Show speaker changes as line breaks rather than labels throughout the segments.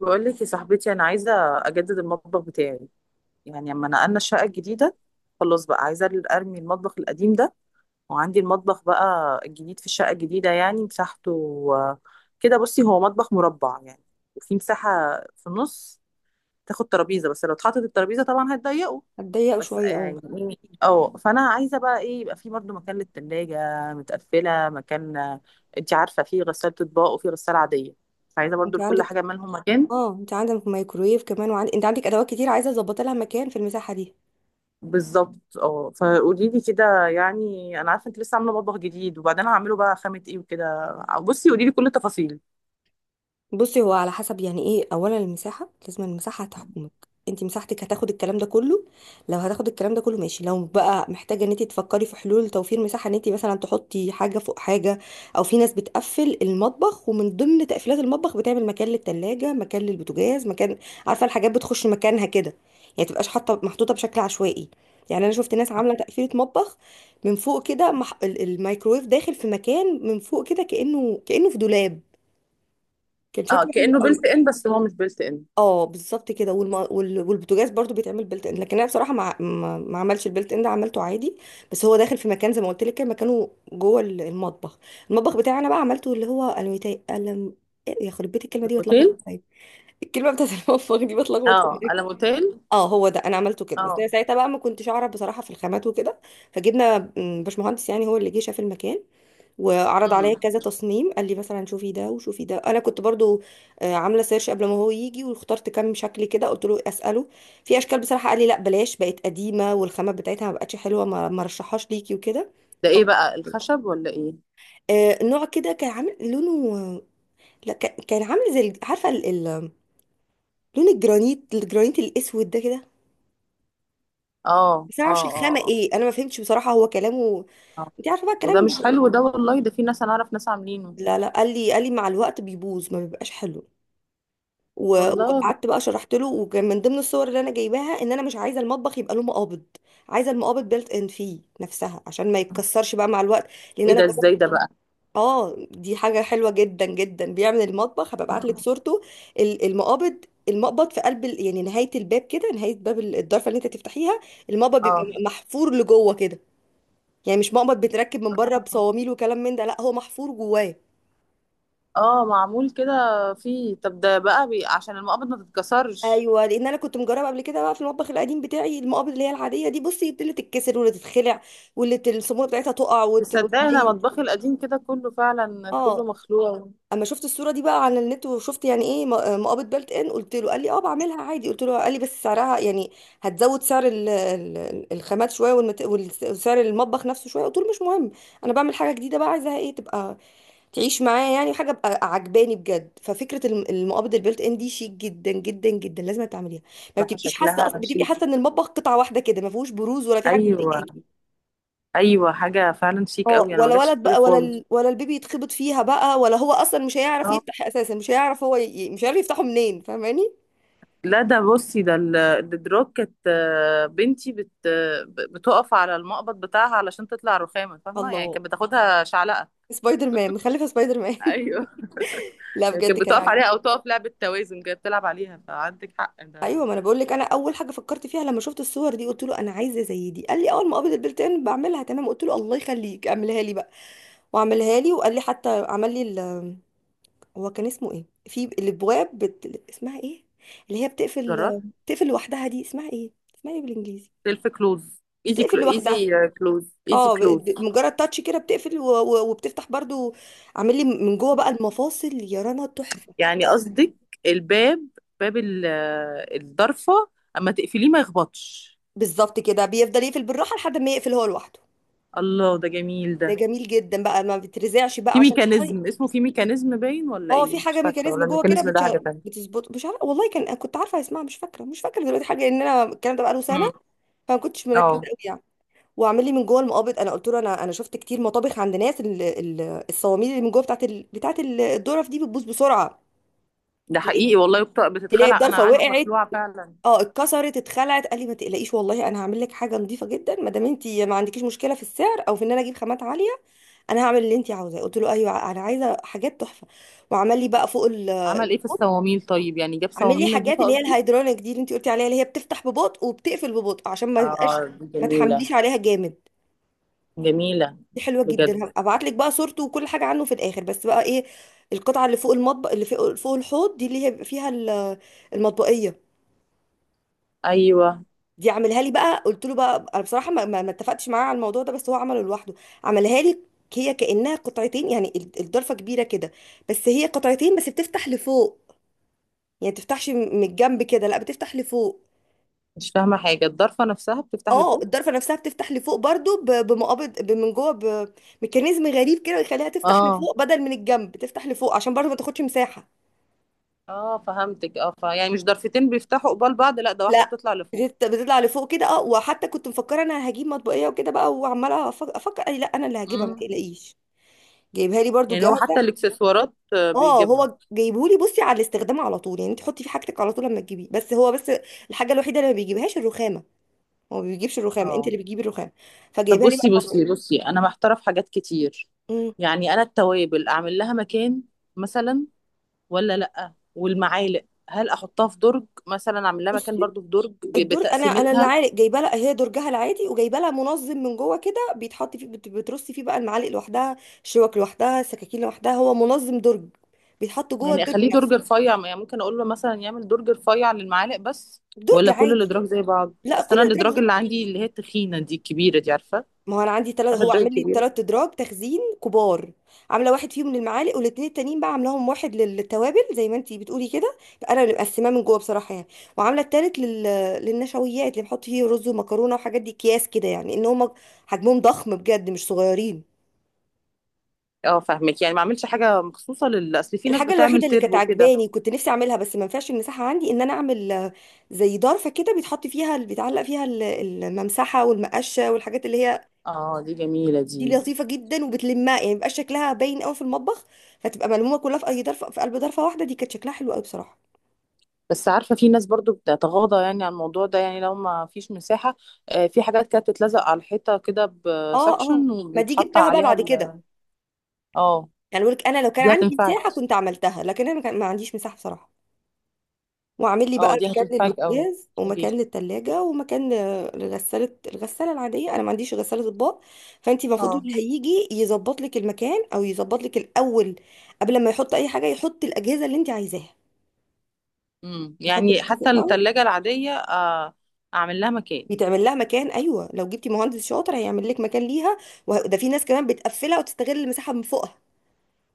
بقول لك يا صاحبتي انا عايزه اجدد المطبخ بتاعي. يعني لما نقلنا الشقه الجديده خلاص بقى عايزه ارمي المطبخ القديم ده، وعندي المطبخ بقى الجديد في الشقه الجديده. يعني مساحته آه، كده بصي، هو مطبخ مربع يعني، وفي مساحه في النص تاخد ترابيزه، بس لو اتحطت الترابيزه طبعا هتضيقه.
هتضيق
بس
شويه اه.
يعني اه، فانا عايزه بقى ايه؟ يبقى في برضه مكان للتلاجة متقفله، مكان انت عارفه، في غساله اطباق وفي غساله عاديه، عايزه برضو
انت
لكل
عندك
حاجه مالهم مكان.
اه انت عندك مايكرويف كمان انت عندك ادوات كتير عايزه اظبط لها مكان في المساحه دي.
بالظبط اه. فقولي لي كده، يعني انا عارفه انت لسه عامله مطبخ جديد، وبعدين هعمله بقى خامه ايه وكده. بصي قولي لي كل التفاصيل.
بصي، هو على حسب يعني، ايه، اولا المساحه، لازم المساحه هتحكمك. انت مساحتك هتاخد الكلام ده كله. لو هتاخد الكلام ده كله ماشي، لو بقى محتاجه ان انت تفكري في حلول توفير مساحه، ان انت مثلا تحطي حاجه فوق حاجه. او في ناس بتقفل المطبخ، ومن ضمن تقفيلات المطبخ بتعمل مكان للتلاجة، مكان للبوتاجاز، مكان. عارفه الحاجات بتخش مكانها كده. يعني تبقاش حاطه محطوطه بشكل عشوائي. يعني انا شفت ناس عامله تقفيله مطبخ من فوق كده الميكرويف داخل في مكان من فوق كده، كانه في دولاب. كان
اه،
شكله
كانه بيلت
حلو.
ان، بس هو مش بيلت ان.
اه بالظبط كده، والبوتاجاز برضو بيتعمل بيلت ان، لكن انا بصراحه ما عملش البيلت ان ده، عملته عادي. بس هو داخل في مكان زي ما قلت لك كده، مكانه جوه المطبخ. المطبخ بتاعي انا بقى عملته اللي هو الميتاي قلم. إيه، يا خرب بيت، الكلمه دي بتلخبط،
الموتيل.
طيب. الكلمه بتاعت المطبخ دي بتلخبط
اه،
في.
على موتيل.
اه، هو ده، انا عملته كده، بس انا
اه.
ساعتها بقى ما كنتش اعرف بصراحه في الخامات وكده. فجبنا باشمهندس، يعني هو اللي جه شاف المكان، وعرض عليا
امم.
كذا تصميم، قال لي مثلا شوفي ده وشوفي ده. انا كنت برضو عامله سيرش قبل ما هو يجي، واخترت كام شكل كده، قلت له اساله في اشكال بصراحه. قال لي لا بلاش، بقت قديمه والخامات بتاعتها ما بقتش حلوه، ما ما رشحهاش ليكي وكده.
ده
ف-
ايه بقى، الخشب ولا ايه؟
نوع كده كان عامل لونه، لا كان عامل زي عارفه لون الجرانيت، الجرانيت الاسود ده كده.
اه
بس انا
اه
معرفش الخامه
اه.
ايه، انا ما فهمتش بصراحه هو كلامه.
اه آه.
انت عارفه بقى
وده
الكلام
مش
ده.
حلو ده والله، ده في ناس، انا اعرف ناس عاملينه.
لا لا، قال لي مع الوقت بيبوظ، ما بيبقاش حلو. و-
والله.
وقعدت بقى شرحت له. وكان من ضمن الصور اللي انا جايباها ان انا مش عايزه المطبخ يبقى له مقابض، عايزه المقابض بيلت ان فيه نفسها عشان ما يتكسرش بقى مع الوقت، لان
ايه
انا
ده؟
جربت.
ازاي ده بقى؟
اه دي حاجه حلوه جدا جدا، بيعمل المطبخ، هبقى ابعت لك
مم.
صورته. المقابض، المقبض في قلب يعني نهايه الباب كده، نهايه باب الضرفه اللي انت تفتحيها، المقبض بيبقى
اه.
محفور لجوه كده. يعني مش مقبض بتركب من بره بصواميل وكلام من ده، لا هو محفور جواه.
اه معمول كده. فيه طب ده بقى عشان المقابض ما تتكسرش.
ايوه، لان انا كنت مجربه قبل كده بقى في المطبخ القديم بتاعي المقابض اللي هي العاديه دي، بصي اللي تتكسر واللي تتخلع، الصاموله بتاعتها تقع
تصدقي انا
وتميل.
مطبخي القديم كده كله فعلا كله
اه،
مخلوع.
اما شفت الصوره دي بقى على النت، وشفت يعني ايه مقابض بلت ان، قلت له، قال لي اه بعملها عادي، قلت له، قال لي بس سعرها يعني هتزود سعر الخامات شويه، وسعر المطبخ نفسه شويه، قلت له مش مهم. انا بعمل حاجه جديده بقى، عايزاها ايه تبقى، تعيش معاه يعني حاجه ابقى عجباني بجد. ففكره المقابض البيلت ان دي شيك جدا جدا جدا، لازم تعمليها. ما
راح
بتبقيش حاسه
شكلها
بتبقي
شيك.
حاسه ان المطبخ قطعه واحده كده، ما فيهوش بروز ولا في حاجه
ايوه.
بتضايقاكي.
ايوه حاجه فعلا شيك
اه
قوي، انا ما
ولا
جاتش في
ولد
بالي
بقى، ولا
خالص.
ولا البيبي يتخبط فيها بقى، ولا هو اصلا مش هيعرف
اه.
يفتح اساسا، مش هيعرف هو مش عارف يفتحه منين، فاهماني.
لا ده بصي، ده الدراب كانت، بنتي بتقف على المقبض بتاعها علشان تطلع رخامه، فاهمه يعني،
الله،
كانت بتاخدها شعلقه.
سبايدر مان، مخلفه سبايدر مان
ايوه،
لا
كانت
بجد كان
بتقف
عجب.
عليها او تقف لعبه توازن، كانت بتلعب عليها، فعندك حق ده.
ايوه، ما انا بقول لك، انا اول حاجه فكرت فيها لما شفت الصور دي قلت له انا عايزه زي دي، قال لي اول ما قابض البلتان بعملها تمام، قلت له الله يخليك اعملها لي بقى. وعملها لي، وقال لي حتى عمل لي هو كان اسمه ايه في الابواب، اسمها ايه، اللي هي
جرار.
بتقفل لوحدها دي، اسمها ايه، اسمها ايه بالانجليزي.
سيلف كلوز.
بتقفل لوحدها.
ايزي كلوز. ايزي
اه،
كلوز.
مجرد تاتش كده بتقفل وبتفتح برضو. عامل لي من جوه بقى المفاصل، يا رنا تحفه.
يعني قصدك الباب، باب الضرفة، اما تقفليه ما يخبطش.
بالظبط كده، بيفضل يقفل بالراحه لحد ما يقفل هو لوحده.
الله، ده جميل
ده
ده.
جميل جدا بقى، ما بترزعش بقى
في
عشان المية.
ميكانيزم اسمه، في ميكانيزم باين ولا
اه في
ايه؟ مش
حاجه
فاكرة،
ميكانيزم
ولا
جوه كده
الميكانيزم ده حاجة تانية؟
بتظبط، مش عارفه والله، كان كنت عارفه اسمها، مش فاكره دلوقتي حاجه، ان انا الكلام ده بقاله سنه.
امم.
فما كنتش مركزه
اه.
قوي يعني. واعمل لي من جوه المقابض، انا قلت له انا شفت كتير مطابخ عند ناس، الصواميل اللي من جوه بتاعت بتاعت الظرف دي بتبوظ بسرعه.
ده
تلاقي،
حقيقي والله، بتتخلع، انا
الضرفه
عندي
وقعت.
مخلوعة فعلا.
اه اتكسرت اتخلعت. قال لي ما تقلقيش والله، انا هعمل لك حاجه نظيفه جدا، ما دام انت ما عندكيش مشكله في السعر او في ان انا اجيب خامات عاليه. انا هعمل اللي انت عاوزاه، قلت له ايوه انا عايزه حاجات تحفه. وعمل لي بقى فوق
عمل ايه في
الحوض.
الصواميل طيب، يعني جاب
عامل لي
صواميل
حاجات
نظيفة
اللي هي
قصدي؟
الهيدرونيك دي، اللي انت قلتي عليها، اللي هي بتفتح ببطء وبتقفل ببطء عشان ما
اه
يبقاش،
دي
ما
جميلة.
تحمليش عليها جامد.
جميلة
دي حلوه
بجد.
جدا، هبعت لك بقى صورته وكل حاجه عنه في الاخر، بس بقى ايه. القطعه اللي فوق المطبخ، اللي فوق الحوض دي، اللي هي بيبقى فيها المطبقيه،
ايوه.
دي عاملها لي بقى. قلت له بقى، انا بصراحه ما اتفقتش معاه على الموضوع ده، بس هو عمله لوحده. عملها لي، هي كانها قطعتين يعني، الضرفه كبيره كده، بس هي قطعتين بس بتفتح لفوق، يعني ما بتفتحش من الجنب كده، لا بتفتح لفوق.
مش فاهمة حاجة، الضرفة نفسها بتفتح
اه
لفوق؟
الضرفه نفسها بتفتح لفوق برضو بمقابض من جوه، بميكانيزم غريب كده يخليها تفتح
اه
لفوق بدل من الجنب، تفتح لفوق عشان برضو ما تاخدش مساحه.
اه فهمتك. اه، يعني مش ضرفتين بيفتحوا قبال بعض، لا ده واحدة
لا
بتطلع لفوق.
بتطلع لفوق كده، اه. وحتى كنت مفكره انا هجيب مطبقيه وكده بقى، وعماله افكر، أي لا انا اللي هجيبها ما
امم.
تقلقيش. جايبها لي برضو
يعني هو
جاهزه.
حتى الاكسسوارات
اه
بيجيبها؟
هو جايبهولي، بصي على الاستخدام على طول يعني، انت حطي في حاجتك على طول لما تجيبيه، بس هو بس الحاجه الوحيده اللي ما بيجيبهاش الرخامه. هو ما بيجيبش الرخامه، انت
اه.
اللي بتجيبي الرخامه.
طب
فجايبها لي بقى
بصي بصي
المطبقيه.
بصي، انا محتاره في حاجات كتير. يعني انا التوابل اعمل لها مكان مثلا، ولا لا؟ والمعالق هل احطها في درج مثلا، اعمل لها مكان
امم.
برضو في درج
الدرج، انا
بتقسيمتها؟
المعالق جايبه لها هي درجها العادي، وجايبه لها منظم من جوه كده بيتحط فيه، بترصي فيه بقى المعالق لوحدها، الشوك لوحدها، السكاكين لوحدها، هو منظم درج بيتحط جوه
يعني
الدرج
اخليه درج
نفسه.
رفيع، يعني ممكن اقول له مثلا يعمل درج رفيع للمعالق بس،
درج
ولا كل
عادي.
الادراج زي بعض؟
لا
اصل
كل
انا
الدرج.
الادراج اللي عندي اللي هي التخينه دي الكبيره دي، عارفه؟
ما هو انا عندي تلات،
عارفه
هو
الادراج.
عامل لي تلات ادراج تخزين كبار. عامله واحد فيهم للمعالق، والاتنين التانيين بقى عاملاهم واحد للتوابل زي ما انتي بتقولي كده، انا اللي مقسماه من جوه بصراحه يعني. وعامله التالت للنشويات اللي بحط فيه رز ومكرونه وحاجات دي، اكياس كده، يعني ان هم حجمهم ضخم بجد مش صغيرين.
اه فاهمك. يعني ما اعملش حاجه مخصوصه لل، اصل في ناس
الحاجة
بتعمل
الوحيدة اللي كانت
تربو كده.
عجباني كنت نفسي اعملها بس ما ينفعش المساحة عندي، ان انا اعمل زي ضرفة كده بيتحط فيها، بيتعلق فيها الممسحة والمقشة والحاجات اللي هي.
اه دي جميله دي.
دي لطيفة جدا، وبتلمها يعني مبقاش شكلها باين قوي في المطبخ، فتبقى ملمومة كلها في اي ضرفة، في قلب ضرفة واحدة، دي كانت شكلها حلو قوي بصراحة.
بس عارفه، في ناس برضو بتتغاضى يعني عن الموضوع ده، يعني لو ما فيش مساحه. آه، في حاجات كانت تتلزق على الحيطه كده
اه اه،
بسكشن
ما دي
وبيتحط
جبتها بقى
عليها
بعد كده.
ال. اه
يعني بقولك انا لو كان
دي
عندي
هتنفعك.
مساحة كنت عملتها، لكن انا ما عنديش مساحة بصراحة. واعمل لي بقى
اه دي
مكان
هتنفعك قوي.
للبوتاجاز ومكان
قوليلي.
للتلاجة ومكان لغسالة، الغسالة العادية، انا ما عنديش غسالة اطباق. فانت المفروض
اه.
اللي هيجي يظبط لك المكان، او يظبط لك الاول قبل ما يحط اي حاجة يحط الاجهزة اللي انت عايزاها.
امم.
يحط
يعني
الاجهزة
حتى
الاول.
التلاجة العادية أعمل لها مكان؟
بيتعمل لها مكان، ايوه لو جبتي مهندس شاطر هيعمل لك مكان ليها. وده في ناس كمان بتقفلها وتستغل المساحة من فوقها،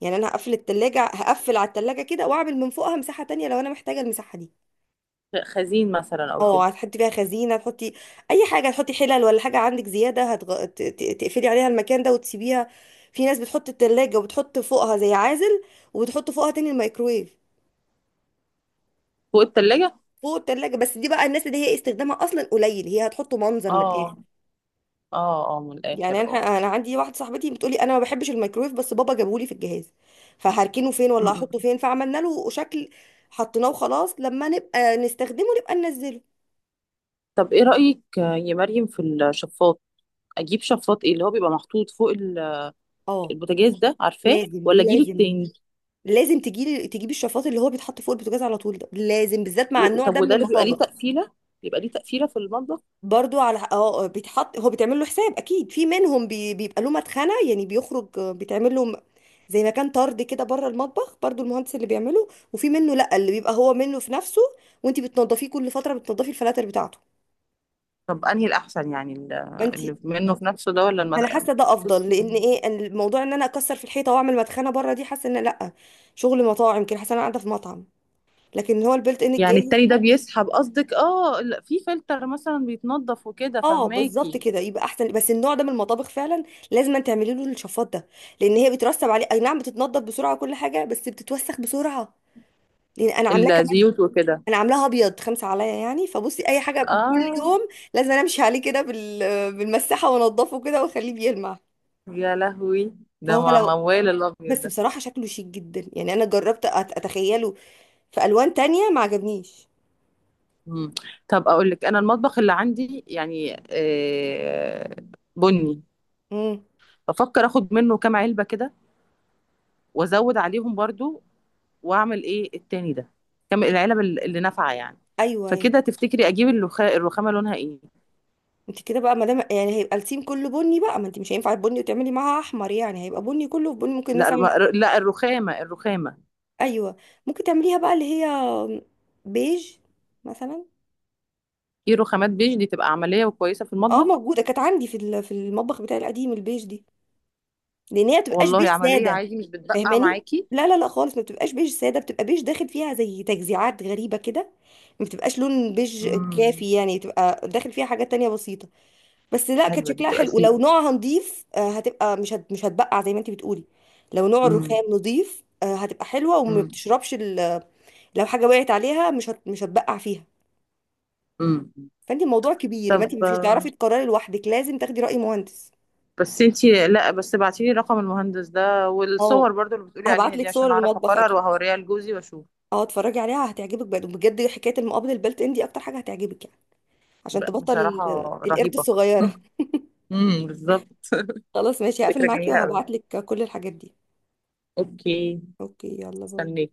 يعني انا هقفل التلاجة، هقفل على التلاجة كده، واعمل من فوقها مساحة تانية لو انا محتاجة المساحة دي.
خزين مثلا أو كده.
اه هتحطي فيها خزينه، تحطي اي حاجه، هتحطي حلل، ولا حاجه عندك زياده، تقفلي عليها المكان ده وتسيبيها. في ناس بتحط التلاجة وبتحط فوقها زي عازل، وبتحط فوقها تاني الميكرويف.
فوق التلاجة.
فوق التلاجة، بس دي بقى الناس اللي هي استخدامها اصلا قليل، هي هتحطه منظر من الاخر.
اه اه اه من
يعني
الآخر.
انا عندي واحده صاحبتي بتقولي انا ما بحبش الميكرويف، بس بابا جابهولي في الجهاز، فهركنه فين، ولا
اه.
هحطه فين، فعملنا له شكل. حطيناه وخلاص، لما نبقى نستخدمه نبقى ننزله.
طب ايه رأيك يا مريم في الشفاط؟ اجيب شفاط ايه اللي هو بيبقى محطوط فوق
اه
البوتاجاز ده، عارفاه،
لازم
ولا اجيب
لازم
التاني؟
لازم تجيلي تجيبي الشفاط اللي هو بيتحط فوق البوتاجاز على طول، ده لازم بالذات مع النوع
طب
ده من
وده اللي بيبقى ليه
المطابخ.
تقفيلة، بيبقى ليه تقفيلة في المطبخ؟
برضو على اه، بيتحط، هو بيتعمل له حساب اكيد، في منهم بيبقى له مدخنه يعني بيخرج، بيتعمل له زي مكان طرد كده بره المطبخ برضو، المهندس اللي بيعمله. وفي منه لا، اللي بيبقى هو منه في نفسه، وانت بتنضفيه كل فتره، بتنضفي الفلاتر بتاعته.
طب انهي الاحسن، يعني
فانت،
اللي منه في نفسه ده ولا
انا حاسه ده افضل،
بصي.
لان ايه، أن الموضوع ان انا اكسر في الحيطه واعمل مدخنه بره، دي حاسه ان لا، شغل مطاعم كده، حاسه انا قاعده في مطعم. لكن هو البلت ان
يعني
الجاهز.
التاني ده بيسحب قصدك، اه في فلتر مثلا بيتنضف وكده،
اه بالظبط
فهماكي؟
كده يبقى احسن، بس النوع ده من المطابخ فعلا لازم أن تعملي له الشفاط ده، لان هي بترسب عليه، اي نعم بتتنضف بسرعه كل حاجه بس بتتوسخ بسرعه، لان انا عاملاه كمان.
الزيوت وكده.
انا عاملاها ابيض خمسه عليا يعني، فبصي اي حاجه كل
اه.
يوم لازم أنا امشي عليه كده بالمساحه وانضفه كده واخليه بيلمع.
يا لهوي. ده
فهو لو،
موال الابيض
بس
ده.
بصراحه شكله شيك جدا، يعني انا جربت اتخيله في الوان تانية ما عجبنيش.
مم. طب اقول لك، انا المطبخ اللي عندي يعني بني.
امم
بفكر اخد منه كام علبه كده وازود عليهم برضو، واعمل ايه التاني ده؟ كام العلب اللي اللي نافعه يعني؟
ايوه، أيوه.
فكده تفتكري اجيب الرخامه لونها ايه؟
انت كده بقى ما دام يعني هيبقى التيم كله بني بقى، ما انت مش هينفع البني وتعملي معاها احمر، يعني هيبقى بني كله في بني ممكن
لا
مثلا.
لا الرخامه، الرخامه.
ايوه، ممكن تعمليها بقى اللي هي بيج مثلا.
في رخامات بيج دي تبقى عمليه وكويسه في
اه
المطبخ؟
موجوده، كانت عندي في في المطبخ بتاعي القديم البيج دي، لان هي ما بتبقاش بيج
والله عمليه
ساده،
عادي، مش بتبقع
فاهماني.
معاكي؟
لا لا لا خالص، ما بتبقاش بيج ساده، بتبقى بيج داخل فيها زي تجزيعات غريبه كده، ما بتبقاش لون بيج
امم.
كافي يعني، بتبقى داخل فيها حاجات تانية بسيطه. بس لا كانت
حلوه دي،
شكلها
تبقى
حلو
شيك.
ولو نوعها نضيف، هتبقى مش هتبقع زي ما انت بتقولي. لو نوع الرخام
امم.
نضيف هتبقى حلوه، وما بتشربش لو حاجه وقعت عليها مش هتبقع فيها.
امم.
فانت الموضوع كبير، ما انت مش
طب
هتعرفي تقرري لوحدك، لازم تاخدي راي مهندس.
بس انتي لا، بس ابعتيلي رقم المهندس ده
اه
والصور برضو اللي بتقولي
هبعت
عليها
لك
دي،
صور
عشان اعرف
المطبخ
اقرر
اكيد.
وهوريها لجوزي واشوف.
اه اتفرجي عليها هتعجبك بجد بجد، حكايه المقابل البلت ان دي اكتر حاجه هتعجبك يعني، عشان تبطل
بصراحة
القرد
رهيبة.
الصغيره
بالظبط.
خلاص ماشي هقفل
فكرة
معاكي
جميلة قوي.
وهبعت لك كل الحاجات دي.
اوكي.
اوكي يلا باي.
استنيك.